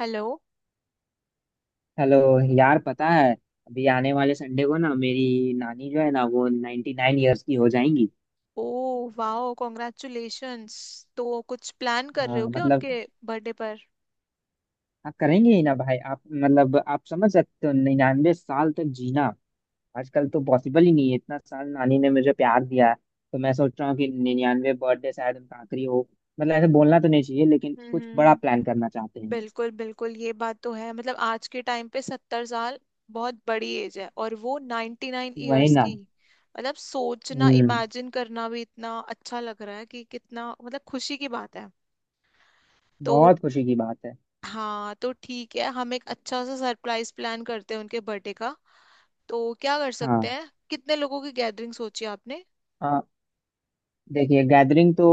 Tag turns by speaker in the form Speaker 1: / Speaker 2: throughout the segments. Speaker 1: Hello.
Speaker 2: Hello. यार पता है अभी आने वाले संडे को ना मेरी नानी जो है ना वो नाइन्टी नाइन ईयर्स की हो जाएंगी।
Speaker 1: Oh wow congratulations. तो कुछ प्लान कर रहे हो
Speaker 2: हाँ,
Speaker 1: क्या उनके
Speaker 2: मतलब
Speaker 1: बर्थडे पर?
Speaker 2: आप करेंगे ही ना भाई, आप मतलब आप समझ सकते हो 99 साल तक जीना आजकल तो पॉसिबल ही नहीं है। इतना साल नानी ने मुझे प्यार दिया है तो मैं सोच रहा हूँ कि 99 बर्थडे शायद उनका आखिरी हो। मतलब ऐसे बोलना तो नहीं चाहिए लेकिन
Speaker 1: हम्म
Speaker 2: कुछ बड़ा
Speaker 1: हम्म,
Speaker 2: प्लान करना चाहते हैं।
Speaker 1: बिल्कुल बिल्कुल, ये बात तो है। मतलब आज के टाइम पे 70 साल बहुत बड़ी एज है, और वो नाइन्टी नाइन
Speaker 2: वही
Speaker 1: ईयर्स
Speaker 2: ना।
Speaker 1: की। मतलब सोचना,
Speaker 2: हम्म
Speaker 1: इमेजिन करना भी इतना अच्छा लग रहा है कि कितना, मतलब, खुशी की बात है। तो
Speaker 2: बहुत खुशी की बात है।
Speaker 1: हाँ, तो ठीक है, हम एक अच्छा सा सरप्राइज प्लान करते हैं उनके बर्थडे का। तो क्या कर
Speaker 2: हाँ।
Speaker 1: सकते हैं, कितने लोगों की गैदरिंग सोची आपने?
Speaker 2: आ, देखिए गैदरिंग तो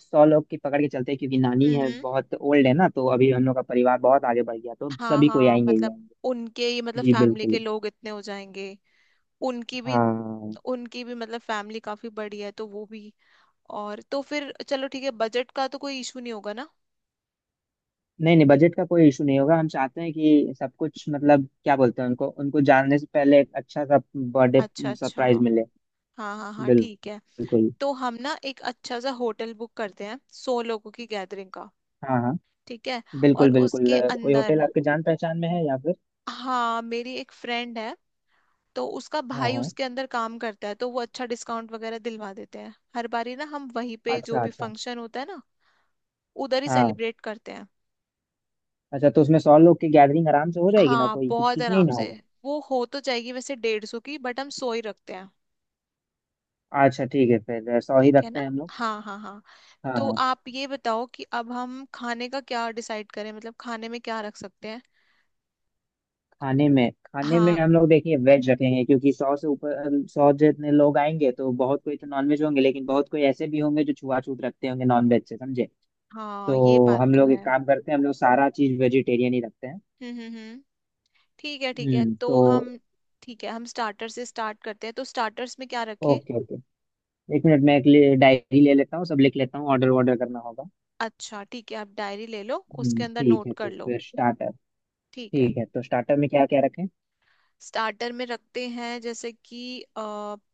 Speaker 2: सौ लोग की पकड़ के चलते हैं, क्योंकि नानी है,
Speaker 1: हम्म।
Speaker 2: बहुत ओल्ड है ना, तो अभी हम लोग का परिवार बहुत आगे बढ़ गया, तो
Speaker 1: हाँ
Speaker 2: सभी कोई
Speaker 1: हाँ,
Speaker 2: आएंगे ही
Speaker 1: मतलब
Speaker 2: आएंगे।
Speaker 1: उनके ही मतलब
Speaker 2: जी
Speaker 1: फैमिली के
Speaker 2: बिल्कुल।
Speaker 1: लोग इतने हो जाएंगे। उनकी भी
Speaker 2: हाँ
Speaker 1: उनकी भी मतलब फैमिली काफी बड़ी है, तो वो भी। और तो फिर चलो ठीक है, बजट का तो कोई इशू नहीं होगा ना?
Speaker 2: नहीं नहीं, बजट का कोई इशू नहीं होगा, हम चाहते हैं कि सब कुछ मतलब क्या बोलते हैं, उनको उनको जानने से पहले एक अच्छा सा बर्थडे
Speaker 1: अच्छा अच्छा।
Speaker 2: सरप्राइज मिले।
Speaker 1: हाँ हाँ हाँ,
Speaker 2: बिल-
Speaker 1: ठीक है,
Speaker 2: बिल्कुल।
Speaker 1: तो हम ना एक अच्छा सा होटल बुक करते हैं 100 लोगों की गैदरिंग का।
Speaker 2: हाँ हाँ
Speaker 1: ठीक है। और
Speaker 2: बिल्कुल बिल्कुल
Speaker 1: उसके
Speaker 2: कोई होटल
Speaker 1: अंदर,
Speaker 2: आपके जान पहचान में है या फिर।
Speaker 1: हाँ मेरी एक फ्रेंड है, तो उसका
Speaker 2: हाँ
Speaker 1: भाई
Speaker 2: हाँ।
Speaker 1: उसके अंदर काम करता है, तो वो अच्छा डिस्काउंट वगैरह दिलवा देते हैं हर बारी ना, हम वहीं पे जो
Speaker 2: अच्छा
Speaker 1: भी
Speaker 2: अच्छा।
Speaker 1: फंक्शन होता है ना उधर ही
Speaker 2: हाँ,
Speaker 1: सेलिब्रेट करते हैं।
Speaker 2: अच्छा तो उसमें सौ लोग की गैदरिंग आराम से हो जाएगी ना,
Speaker 1: हाँ
Speaker 2: कोई
Speaker 1: बहुत
Speaker 2: किचकिच नहीं
Speaker 1: आराम
Speaker 2: ना
Speaker 1: से।
Speaker 2: होगा।
Speaker 1: वो हो तो जाएगी वैसे 150 की, बट हम 100 ही रखते हैं।
Speaker 2: अच्छा ठीक है, फिर सौ ही
Speaker 1: ठीक है
Speaker 2: रखते
Speaker 1: ना,
Speaker 2: हैं हम लोग।
Speaker 1: हाँ हाँ हाँ।
Speaker 2: हाँ
Speaker 1: तो
Speaker 2: हाँ।
Speaker 1: आप ये बताओ कि अब हम खाने का क्या डिसाइड करें, मतलब खाने में क्या रख सकते हैं?
Speaker 2: खाने में
Speaker 1: हाँ
Speaker 2: हम लोग देखिए वेज रखेंगे, क्योंकि सौ से ऊपर, सौ जितने लोग आएंगे तो बहुत कोई तो नॉनवेज होंगे, लेकिन बहुत कोई ऐसे भी होंगे जो छुआछूत रखते होंगे नॉनवेज से, समझे।
Speaker 1: हाँ ये
Speaker 2: तो
Speaker 1: बात
Speaker 2: हम
Speaker 1: तो
Speaker 2: लोग
Speaker 1: है।
Speaker 2: एक काम करते हैं, हम लोग सारा चीज वेजिटेरियन ही रखते हैं।
Speaker 1: हम्म, ठीक है ठीक है, तो
Speaker 2: तो
Speaker 1: हम, ठीक है, हम स्टार्टर से स्टार्ट करते हैं, तो स्टार्टर्स में क्या रखें?
Speaker 2: Okay okay. एक मिनट, मैं एक डायरी ले लेता हूँ, सब लिख लेता हूँ, ऑर्डर ऑर्डर करना होगा।
Speaker 1: अच्छा ठीक है, आप डायरी ले लो, उसके अंदर
Speaker 2: ठीक
Speaker 1: नोट
Speaker 2: है
Speaker 1: कर
Speaker 2: तो
Speaker 1: लो।
Speaker 2: फिर स्टार्टर।
Speaker 1: ठीक है।
Speaker 2: ठीक है, तो स्टार्टर में क्या क्या रखें।
Speaker 1: स्टार्टर में रखते हैं जैसे कि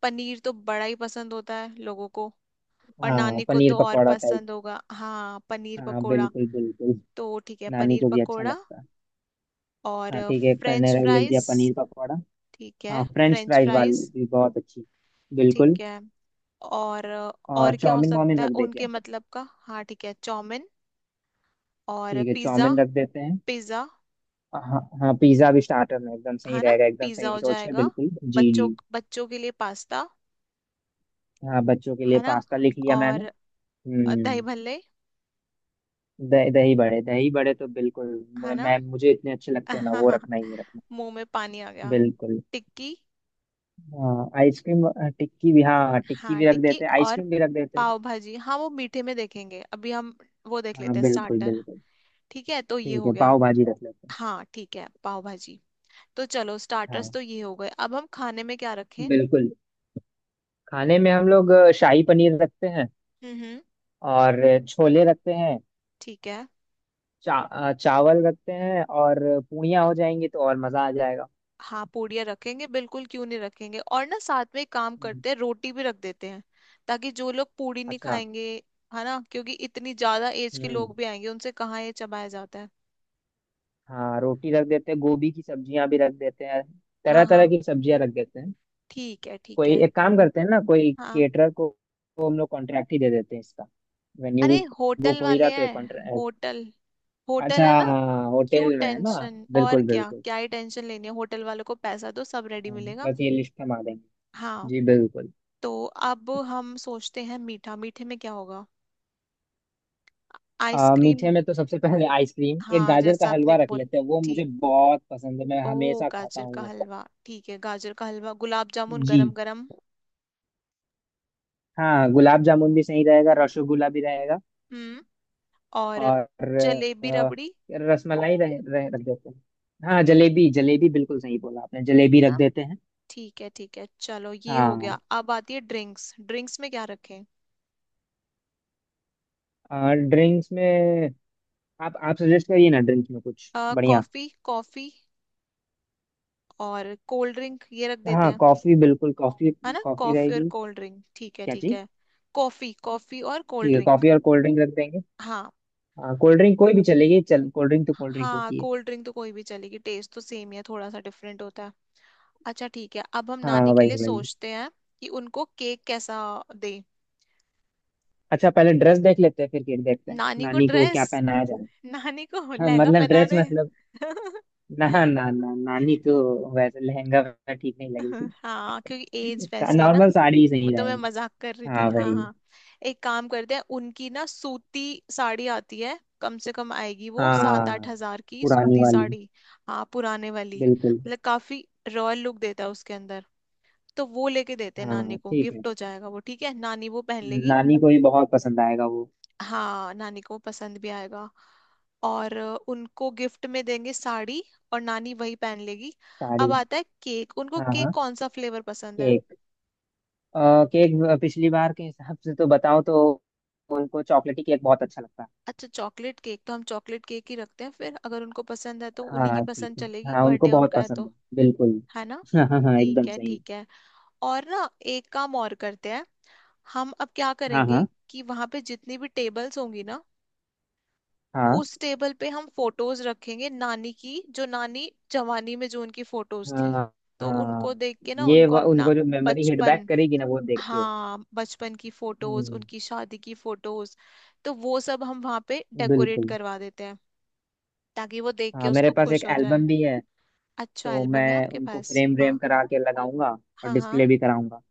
Speaker 1: पनीर तो बड़ा ही पसंद होता है लोगों को, और
Speaker 2: हाँ
Speaker 1: नानी को
Speaker 2: पनीर
Speaker 1: तो और
Speaker 2: पकौड़ा टाइप।
Speaker 1: पसंद होगा, हाँ पनीर
Speaker 2: हाँ
Speaker 1: पकोड़ा।
Speaker 2: बिल्कुल बिल्कुल।
Speaker 1: तो ठीक है
Speaker 2: नानी
Speaker 1: पनीर
Speaker 2: को भी अच्छा
Speaker 1: पकोड़ा।
Speaker 2: लगता है।
Speaker 1: और
Speaker 2: हाँ ठीक है, एक मैंने
Speaker 1: फ्रेंच
Speaker 2: लिख दिया,
Speaker 1: फ्राइज।
Speaker 2: पनीर पकौड़ा।
Speaker 1: ठीक है
Speaker 2: हाँ फ्रेंच
Speaker 1: फ्रेंच
Speaker 2: फ्राइज वाली
Speaker 1: फ्राइज।
Speaker 2: भी बहुत अच्छी। बिल्कुल।
Speaker 1: ठीक है। और
Speaker 2: और
Speaker 1: और क्या हो
Speaker 2: चाउमीन
Speaker 1: सकता
Speaker 2: वाउमीन
Speaker 1: है
Speaker 2: रख दे
Speaker 1: उनके
Speaker 2: क्या।
Speaker 1: मतलब का, हाँ ठीक है चाउमिन। और
Speaker 2: ठीक है
Speaker 1: पिज्ज़ा,
Speaker 2: चाउमीन रख देते हैं।
Speaker 1: पिज़्ज़ा,
Speaker 2: हाँ हाँ, पिज्ज़ा भी स्टार्टर में एकदम सही
Speaker 1: है ना
Speaker 2: रहेगा, एकदम
Speaker 1: पिज़्ज़ा
Speaker 2: सही
Speaker 1: हो
Speaker 2: सोच है,
Speaker 1: जाएगा।
Speaker 2: बिल्कुल, जी
Speaker 1: बच्चों
Speaker 2: जी।
Speaker 1: बच्चों के लिए पास्ता,
Speaker 2: हाँ बच्चों के लिए
Speaker 1: है ना।
Speaker 2: पास्ता लिख लिया
Speaker 1: और
Speaker 2: मैंने।
Speaker 1: दही
Speaker 2: हम्म
Speaker 1: भल्ले,
Speaker 2: दही दही बड़े, दही बड़े तो बिल्कुल,
Speaker 1: है ना।
Speaker 2: मुझे इतने अच्छे लगते हैं ना, वो रखना ही है, रखना
Speaker 1: मुंह में
Speaker 2: है।
Speaker 1: पानी आ गया।
Speaker 2: बिल्कुल।
Speaker 1: टिक्की।
Speaker 2: हाँ आइसक्रीम, टिक्की भी, हाँ हाँ, टिक्की
Speaker 1: हाँ
Speaker 2: भी रख
Speaker 1: टिक्की
Speaker 2: देते हैं,
Speaker 1: और
Speaker 2: आइसक्रीम भी रख देते हैं।
Speaker 1: पाव भाजी। हाँ वो मीठे में देखेंगे अभी हम, वो देख
Speaker 2: हाँ
Speaker 1: लेते हैं
Speaker 2: बिल्कुल
Speaker 1: स्टार्टर।
Speaker 2: बिल्कुल।
Speaker 1: ठीक है, तो ये
Speaker 2: ठीक
Speaker 1: हो
Speaker 2: है
Speaker 1: गया।
Speaker 2: पाव भाजी रख लेते हैं।
Speaker 1: हाँ ठीक है पाव भाजी। तो चलो
Speaker 2: हाँ
Speaker 1: स्टार्टर्स तो ये हो गए, अब हम खाने में क्या रखें?
Speaker 2: बिल्कुल। खाने में हम लोग शाही पनीर रखते हैं,
Speaker 1: हम्म हम्म,
Speaker 2: और छोले रखते हैं,
Speaker 1: ठीक है।
Speaker 2: चावल रखते हैं, और पूड़ियाँ हो जाएंगी तो और मज़ा आ जाएगा।
Speaker 1: हाँ पूड़ियाँ रखेंगे बिल्कुल क्यों नहीं रखेंगे, और ना साथ में एक काम
Speaker 2: हम्म,
Speaker 1: करते हैं रोटी भी रख देते हैं, ताकि जो लोग पूड़ी नहीं
Speaker 2: अच्छा।
Speaker 1: खाएंगे, है ना, क्योंकि इतनी ज्यादा एज के
Speaker 2: हम्म
Speaker 1: लोग भी आएंगे, उनसे कहाँ ये चबाया जाता है।
Speaker 2: हाँ रोटी रख देते हैं, गोभी की सब्जियां भी रख देते हैं,
Speaker 1: हाँ
Speaker 2: तरह तरह
Speaker 1: हाँ।
Speaker 2: की सब्जियां रख देते हैं।
Speaker 1: ठीक है ठीक
Speaker 2: कोई
Speaker 1: है।
Speaker 2: एक काम करते हैं ना, कोई
Speaker 1: हाँ,
Speaker 2: केटरर को हम लोग कॉन्ट्रैक्ट ही दे देते हैं इसका, वेन्यू भी
Speaker 1: अरे होटल
Speaker 2: बुक हो ही
Speaker 1: वाले
Speaker 2: रहा तो एक
Speaker 1: हैं,
Speaker 2: कॉन्ट्रैक्ट।
Speaker 1: होटल, होटल
Speaker 2: अच्छा
Speaker 1: है ना।
Speaker 2: हाँ,
Speaker 1: क्यों
Speaker 2: होटल में है ना।
Speaker 1: टेंशन, और
Speaker 2: बिल्कुल
Speaker 1: क्या
Speaker 2: बिल्कुल।
Speaker 1: क्या ही टेंशन लेनी है, होटल वालों को पैसा दो सब रेडी
Speaker 2: हाँ,
Speaker 1: मिलेगा।
Speaker 2: बस ये लिस्ट हम आ देंगे।
Speaker 1: हाँ,
Speaker 2: जी बिल्कुल।
Speaker 1: तो अब हम सोचते हैं मीठा, मीठे में क्या होगा? आइसक्रीम।
Speaker 2: मीठे में तो सबसे पहले आइसक्रीम, एक
Speaker 1: हाँ
Speaker 2: गाजर का
Speaker 1: जैसा आपने
Speaker 2: हलवा रख
Speaker 1: बोल
Speaker 2: लेते हैं, वो मुझे
Speaker 1: ठीक,
Speaker 2: बहुत पसंद है, मैं
Speaker 1: ओ
Speaker 2: हमेशा खाता
Speaker 1: गाजर
Speaker 2: हूँ
Speaker 1: का
Speaker 2: वो।
Speaker 1: हलवा, ठीक है गाजर का हलवा, गुलाब जामुन गरम
Speaker 2: जी।
Speaker 1: गरम।
Speaker 2: हाँ गुलाब जामुन भी सही रहेगा, रसगुल्ला भी रहेगा।
Speaker 1: हम्म। और
Speaker 2: और
Speaker 1: जलेबी
Speaker 2: अ,
Speaker 1: रबड़ी,
Speaker 2: रसमलाई रह, रह, रख देते हैं। हाँ जलेबी, जलेबी बिल्कुल सही बोला आपने, जलेबी
Speaker 1: है ना।
Speaker 2: रख देते हैं।
Speaker 1: ठीक है चलो ये हो
Speaker 2: हाँ।
Speaker 1: गया। अब आती है ड्रिंक्स, ड्रिंक्स में क्या रखें?
Speaker 2: और ड्रिंक्स में, आप सजेस्ट करिए ना ड्रिंक्स में कुछ बढ़िया।
Speaker 1: कॉफी कॉफी और कोल्ड ड्रिंक ये रख देते
Speaker 2: हाँ
Speaker 1: हैं।
Speaker 2: कॉफी, बिल्कुल कॉफी।
Speaker 1: है ना,
Speaker 2: कॉफी
Speaker 1: कॉफी और
Speaker 2: रहेगी
Speaker 1: कोल्ड ड्रिंक, ठीक है
Speaker 2: क्या
Speaker 1: ठीक
Speaker 2: जी।
Speaker 1: है। कॉफी कॉफी और कोल्ड
Speaker 2: ठीक है,
Speaker 1: ड्रिंक।
Speaker 2: कॉफी और कोल्ड ड्रिंक रख देंगे।
Speaker 1: हाँ
Speaker 2: हाँ कोल्ड ड्रिंक कोई भी चलेगी, चल कोल्ड ड्रिंक तो कोल्ड ड्रिंक
Speaker 1: हाँ,
Speaker 2: होती है।
Speaker 1: कोल्ड ड्रिंक तो कोई भी चलेगी, टेस्ट तो सेम ही है, थोड़ा सा डिफरेंट होता है। अच्छा ठीक है, अब हम
Speaker 2: हाँ
Speaker 1: नानी के लिए
Speaker 2: वही वही।
Speaker 1: सोचते हैं कि उनको केक कैसा दे।
Speaker 2: अच्छा पहले ड्रेस देख लेते हैं, फिर केक देखते हैं,
Speaker 1: नानी को
Speaker 2: नानी को
Speaker 1: ड्रेस?
Speaker 2: क्या पहनाया जाए।
Speaker 1: नानी को
Speaker 2: हाँ
Speaker 1: लहंगा
Speaker 2: मतलब
Speaker 1: पहना
Speaker 2: ड्रेस
Speaker 1: दे।
Speaker 2: मतलब, ना ना ना नानी तो वैसे लहंगा वगैरह ठीक नहीं लगेगी।
Speaker 1: हाँ क्योंकि एज वैसी है ना।
Speaker 2: नॉर्मल साड़ी ही
Speaker 1: वो
Speaker 2: सही
Speaker 1: तो मैं
Speaker 2: रहेगा।
Speaker 1: मजाक कर रही थी,
Speaker 2: हाँ
Speaker 1: हाँ
Speaker 2: वही।
Speaker 1: हाँ। एक काम करते हैं उनकी ना सूती साड़ी आती है, कम से कम आएगी वो सात आठ
Speaker 2: हाँ
Speaker 1: हजार की
Speaker 2: पुरानी
Speaker 1: सूती
Speaker 2: वाली।
Speaker 1: साड़ी। हाँ पुराने वाली।
Speaker 2: बिल्कुल।
Speaker 1: मतलब काफी रॉयल लुक देता है उसके अंदर, तो वो लेके देते हैं नानी
Speaker 2: हाँ
Speaker 1: को,
Speaker 2: ठीक है।
Speaker 1: गिफ्ट हो जाएगा वो, ठीक है, नानी वो पहन लेगी।
Speaker 2: नानी को भी बहुत पसंद आएगा वो,
Speaker 1: हाँ नानी को पसंद भी आएगा। और उनको गिफ्ट में देंगे साड़ी, और नानी वही पहन लेगी। अब
Speaker 2: साड़ी।
Speaker 1: आता है केक, उनको
Speaker 2: हाँ
Speaker 1: केक
Speaker 2: हाँ।
Speaker 1: कौन सा फ्लेवर पसंद है?
Speaker 2: केक। अ, केक पिछली बार के हिसाब से तो बताओ तो, उनको चॉकलेटी केक बहुत अच्छा लगता है।
Speaker 1: अच्छा चॉकलेट केक, तो हम चॉकलेट केक ही रखते हैं, फिर अगर उनको पसंद है तो उन्हीं की
Speaker 2: हाँ ठीक
Speaker 1: पसंद
Speaker 2: है।
Speaker 1: चलेगी,
Speaker 2: हाँ उनको
Speaker 1: बर्थडे
Speaker 2: बहुत
Speaker 1: उनका है
Speaker 2: पसंद
Speaker 1: तो।
Speaker 2: है बिल्कुल।
Speaker 1: है ना।
Speaker 2: हाँ हाँ हाँ,
Speaker 1: ठीक
Speaker 2: एकदम
Speaker 1: है
Speaker 2: सही।
Speaker 1: ठीक है। और ना एक काम और करते हैं, हम अब क्या
Speaker 2: हाँ
Speaker 1: करेंगे
Speaker 2: हाँ
Speaker 1: कि वहां पे जितनी भी टेबल्स होंगी ना,
Speaker 2: हाँ
Speaker 1: उस टेबल पे हम फोटोज रखेंगे नानी की, जो नानी जवानी में जो उनकी फोटोज थी,
Speaker 2: हाँ
Speaker 1: तो उनको
Speaker 2: हाँ,
Speaker 1: देख के ना उनको अपना
Speaker 2: उनको जो मेमोरी हिट बैक
Speaker 1: बचपन,
Speaker 2: करेगी ना वो देख के।
Speaker 1: हाँ बचपन की फोटोज,
Speaker 2: हम्म
Speaker 1: उनकी शादी की फोटोज, तो वो सब हम वहां पे डेकोरेट
Speaker 2: बिल्कुल।
Speaker 1: करवा देते हैं ताकि वो देख के
Speaker 2: हाँ मेरे
Speaker 1: उसको
Speaker 2: पास एक
Speaker 1: खुश हो जाए।
Speaker 2: एल्बम भी है,
Speaker 1: अच्छा
Speaker 2: तो
Speaker 1: एल्बम है
Speaker 2: मैं
Speaker 1: आपके
Speaker 2: उनको
Speaker 1: पास,
Speaker 2: फ्रेम व्रेम
Speaker 1: हाँ।
Speaker 2: करा के लगाऊंगा और
Speaker 1: हाँ हाँ।
Speaker 2: डिस्प्ले भी कराऊंगा।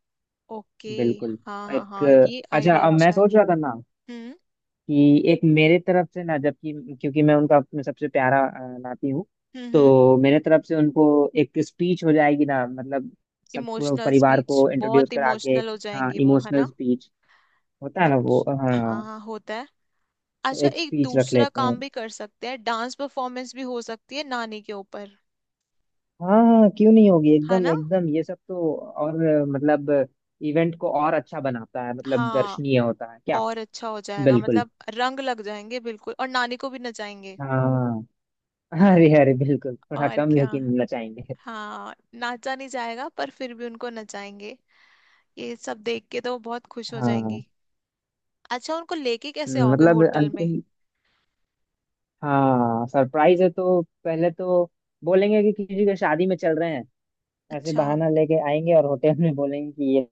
Speaker 1: ओके।
Speaker 2: बिल्कुल।
Speaker 1: हाँ हाँ
Speaker 2: एक,
Speaker 1: हाँ, ये
Speaker 2: अच्छा,
Speaker 1: आइडिया
Speaker 2: अब मैं
Speaker 1: अच्छा है।
Speaker 2: सोच रहा था ना,
Speaker 1: हम्म
Speaker 2: कि एक मेरे तरफ से ना, जबकि क्योंकि मैं उनका अपने सबसे प्यारा नाती हूँ,
Speaker 1: हम्म।
Speaker 2: तो मेरे तरफ से उनको एक स्पीच हो जाएगी ना मतलब, सब पूरे
Speaker 1: इमोशनल
Speaker 2: परिवार
Speaker 1: स्पीच,
Speaker 2: को इंट्रोड्यूस
Speaker 1: बहुत
Speaker 2: करा के।
Speaker 1: इमोशनल हो
Speaker 2: हाँ
Speaker 1: जाएंगी वो, है
Speaker 2: इमोशनल
Speaker 1: ना।
Speaker 2: स्पीच होता है ना वो,
Speaker 1: अच्छा
Speaker 2: हाँ।
Speaker 1: हाँ हाँ होता है।
Speaker 2: तो
Speaker 1: अच्छा
Speaker 2: एक
Speaker 1: एक
Speaker 2: स्पीच रख
Speaker 1: दूसरा
Speaker 2: लेते हैं।
Speaker 1: काम भी कर सकते हैं, डांस परफॉर्मेंस भी हो सकती है नानी के ऊपर,
Speaker 2: हाँ हाँ क्यों नहीं होगी,
Speaker 1: है
Speaker 2: एकदम
Speaker 1: ना।
Speaker 2: एकदम ये सब तो और मतलब इवेंट को और अच्छा बनाता है, मतलब
Speaker 1: हाँ
Speaker 2: दर्शनीय होता है क्या।
Speaker 1: और अच्छा हो जाएगा,
Speaker 2: बिल्कुल।
Speaker 1: मतलब रंग लग जाएंगे बिल्कुल, और नानी को भी नचाएंगे।
Speaker 2: हाँ। अरे अरे बिल्कुल, थोड़ा
Speaker 1: और
Speaker 2: कम
Speaker 1: क्या,
Speaker 2: लेकिन नचाएंगे।
Speaker 1: हाँ नाचा नहीं जाएगा पर फिर भी उनको नचाएंगे, ये सब देख के तो बहुत खुश हो
Speaker 2: हाँ
Speaker 1: जाएंगी। अच्छा उनको लेके कैसे आओगे
Speaker 2: मतलब
Speaker 1: होटल में?
Speaker 2: अंतिम। हाँ सरप्राइज है तो पहले तो बोलेंगे कि किसी के शादी में चल रहे हैं, ऐसे
Speaker 1: अच्छा,
Speaker 2: बहाना लेके आएंगे, और होटल में बोलेंगे कि ये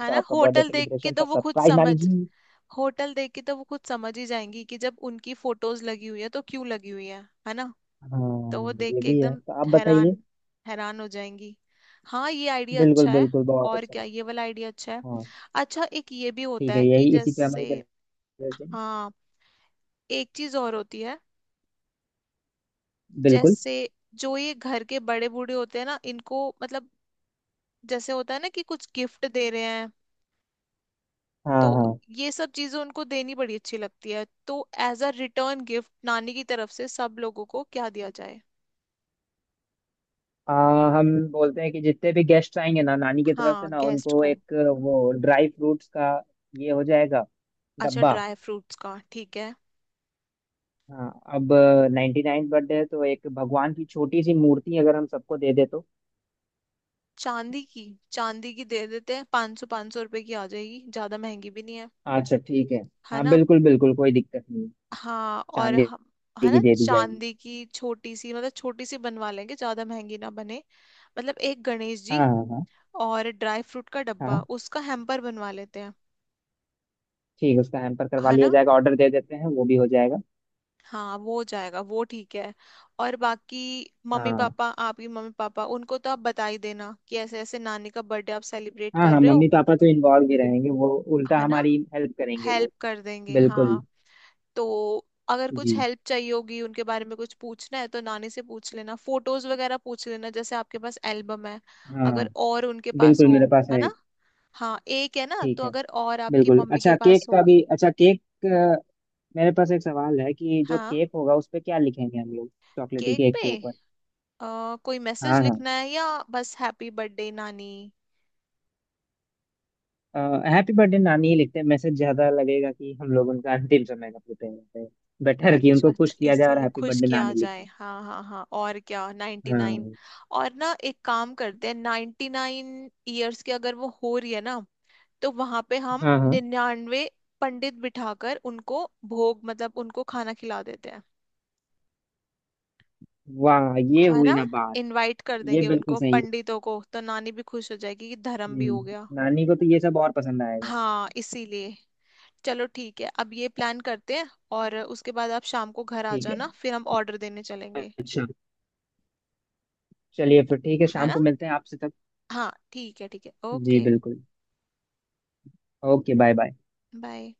Speaker 1: है
Speaker 2: तो
Speaker 1: ना,
Speaker 2: आपका बर्थडे
Speaker 1: होटल देख के
Speaker 2: सेलिब्रेशन
Speaker 1: तो
Speaker 2: था,
Speaker 1: वो खुद
Speaker 2: सरप्राइज
Speaker 1: समझ,
Speaker 2: नानी जी।
Speaker 1: होटल देख के तो वो खुद समझ ही जाएंगी कि जब उनकी फोटोज लगी हुई है तो क्यों लगी हुई है ना। तो वो
Speaker 2: हाँ
Speaker 1: देख
Speaker 2: ये
Speaker 1: के
Speaker 2: भी है,
Speaker 1: एकदम
Speaker 2: तो आप
Speaker 1: हैरान,
Speaker 2: बताइए।
Speaker 1: हैरान हो जाएंगी। हाँ ये आइडिया
Speaker 2: बिल्कुल
Speaker 1: अच्छा है,
Speaker 2: बिल्कुल बहुत
Speaker 1: और
Speaker 2: अच्छा
Speaker 1: क्या ये
Speaker 2: लगा।
Speaker 1: वाला आइडिया अच्छा है।
Speaker 2: हाँ
Speaker 1: अच्छा एक ये भी होता
Speaker 2: ठीक है,
Speaker 1: है कि
Speaker 2: यही, इसी पे अमल
Speaker 1: जैसे,
Speaker 2: कर।
Speaker 1: हाँ एक चीज और होती है,
Speaker 2: बिल्कुल।
Speaker 1: जैसे जो ये घर के बड़े बूढ़े होते हैं ना, इनको मतलब जैसे होता है ना कि कुछ गिफ्ट दे रहे हैं, तो
Speaker 2: हाँ हाँ।
Speaker 1: ये सब चीजें उनको देनी बड़ी अच्छी लगती है, तो एज अ रिटर्न गिफ्ट नानी की तरफ से सब लोगों को क्या दिया जाए?
Speaker 2: हम बोलते हैं कि जितने भी गेस्ट आएंगे ना, नानी की तरफ
Speaker 1: हाँ
Speaker 2: से ना,
Speaker 1: गेस्ट
Speaker 2: उनको
Speaker 1: को।
Speaker 2: एक वो ड्राई फ्रूट्स का ये हो जाएगा,
Speaker 1: अच्छा
Speaker 2: डब्बा।
Speaker 1: ड्राई फ्रूट्स का ठीक है।
Speaker 2: हाँ। अब नाइन्टी नाइन बर्थडे है, तो एक भगवान की छोटी सी मूर्ति अगर हम सबको दे दे तो।
Speaker 1: चांदी की, चांदी की दे देते हैं, 500-500 रुपए की आ जाएगी, ज्यादा महंगी भी नहीं है।
Speaker 2: अच्छा ठीक है।
Speaker 1: है
Speaker 2: हाँ
Speaker 1: ना।
Speaker 2: बिल्कुल बिल्कुल, कोई दिक्कत नहीं है।
Speaker 1: हाँ और
Speaker 2: चांदी
Speaker 1: हम, है ना,
Speaker 2: की दे दी जाएगी।
Speaker 1: चांदी की छोटी सी, मतलब छोटी सी बनवा लेंगे, ज्यादा महंगी ना बने। मतलब एक गणेश
Speaker 2: हाँ
Speaker 1: जी,
Speaker 2: हाँ हाँ।
Speaker 1: और ड्राई फ्रूट का डब्बा
Speaker 2: हाँ
Speaker 1: उसका हैम्पर बनवा लेते हैं।
Speaker 2: ठीक है, उसका हैम्पर करवा
Speaker 1: है
Speaker 2: लिया
Speaker 1: ना।
Speaker 2: जाएगा, ऑर्डर दे देते हैं, वो भी हो जाएगा।
Speaker 1: हाँ वो जाएगा वो ठीक है। और बाकी, मम्मी
Speaker 2: हाँ
Speaker 1: पापा, आपकी मम्मी पापा उनको तो आप बता ही देना कि ऐसे ऐसे नानी का बर्थडे आप सेलिब्रेट
Speaker 2: हाँ
Speaker 1: कर
Speaker 2: हाँ,
Speaker 1: रहे हो।
Speaker 2: मम्मी पापा तो इन्वॉल्व ही रहेंगे वो, उल्टा
Speaker 1: है ना।
Speaker 2: हमारी हेल्प करेंगे
Speaker 1: हेल्प
Speaker 2: वो।
Speaker 1: कर देंगे
Speaker 2: बिल्कुल।
Speaker 1: हाँ। तो अगर कुछ
Speaker 2: जी।
Speaker 1: हेल्प चाहिए होगी, उनके बारे में कुछ पूछना है तो नानी से पूछ लेना, फोटोज वगैरह पूछ लेना, जैसे आपके पास एल्बम है,
Speaker 2: हाँ
Speaker 1: अगर और उनके पास
Speaker 2: बिल्कुल,
Speaker 1: हो,
Speaker 2: मेरे पास
Speaker 1: है
Speaker 2: है
Speaker 1: ना।
Speaker 2: एक।
Speaker 1: हाँ एक है ना,
Speaker 2: ठीक
Speaker 1: तो
Speaker 2: है।
Speaker 1: अगर और आपकी
Speaker 2: बिल्कुल,
Speaker 1: मम्मी के
Speaker 2: अच्छा
Speaker 1: पास
Speaker 2: केक का
Speaker 1: होगी।
Speaker 2: भी, अच्छा केक, मेरे पास एक सवाल है कि जो
Speaker 1: हाँ।
Speaker 2: केक होगा उस पे क्या लिखेंगे हम लोग, चॉकलेटी
Speaker 1: केक
Speaker 2: केक
Speaker 1: पे
Speaker 2: के।
Speaker 1: कोई मैसेज
Speaker 2: हाँ।
Speaker 1: लिखना है या बस हैप्पी बर्थडे नानी?
Speaker 2: हाँ हैप्पी बर्थडे नानी ही लिखते हैं, मैसेज ज्यादा लगेगा कि हम लोग उनका अंतिम समय का पूछते हैं। बेटर कि
Speaker 1: अच्छा
Speaker 2: उनको खुश
Speaker 1: अच्छा,
Speaker 2: किया जाए और
Speaker 1: इसीलिए
Speaker 2: हैप्पी
Speaker 1: खुश
Speaker 2: बर्थडे
Speaker 1: किया
Speaker 2: नानी
Speaker 1: जाए,
Speaker 2: लिखा
Speaker 1: हाँ हाँ हाँ। और क्या, नाइन्टी
Speaker 2: जाए।
Speaker 1: नाइन
Speaker 2: हाँ
Speaker 1: और ना एक काम करते हैं, 99 ईयर्स की अगर वो हो रही है ना, तो वहां पे हम
Speaker 2: हाँ हाँ।
Speaker 1: 99 पंडित बिठाकर उनको भोग, मतलब उनको खाना खिला देते हैं,
Speaker 2: वाह ये
Speaker 1: है
Speaker 2: हुई
Speaker 1: ना।
Speaker 2: ना बात।
Speaker 1: इनवाइट कर
Speaker 2: ये
Speaker 1: देंगे
Speaker 2: बिल्कुल
Speaker 1: उनको
Speaker 2: सही है।
Speaker 1: पंडितों को, तो नानी भी खुश हो जाएगी कि धर्म भी हो
Speaker 2: हम्म,
Speaker 1: गया।
Speaker 2: नानी को तो ये सब और पसंद आएगा।
Speaker 1: हाँ इसीलिए, चलो ठीक है अब ये प्लान करते हैं, और उसके बाद आप शाम को घर आ
Speaker 2: ठीक है।
Speaker 1: जाना फिर हम ऑर्डर देने चलेंगे,
Speaker 2: अच्छा। चलिए फिर, ठीक है
Speaker 1: है
Speaker 2: शाम
Speaker 1: ना।
Speaker 2: को मिलते हैं आपसे तक।
Speaker 1: हाँ ठीक है
Speaker 2: जी
Speaker 1: ओके
Speaker 2: बिल्कुल। Okay bye bye.
Speaker 1: बाय।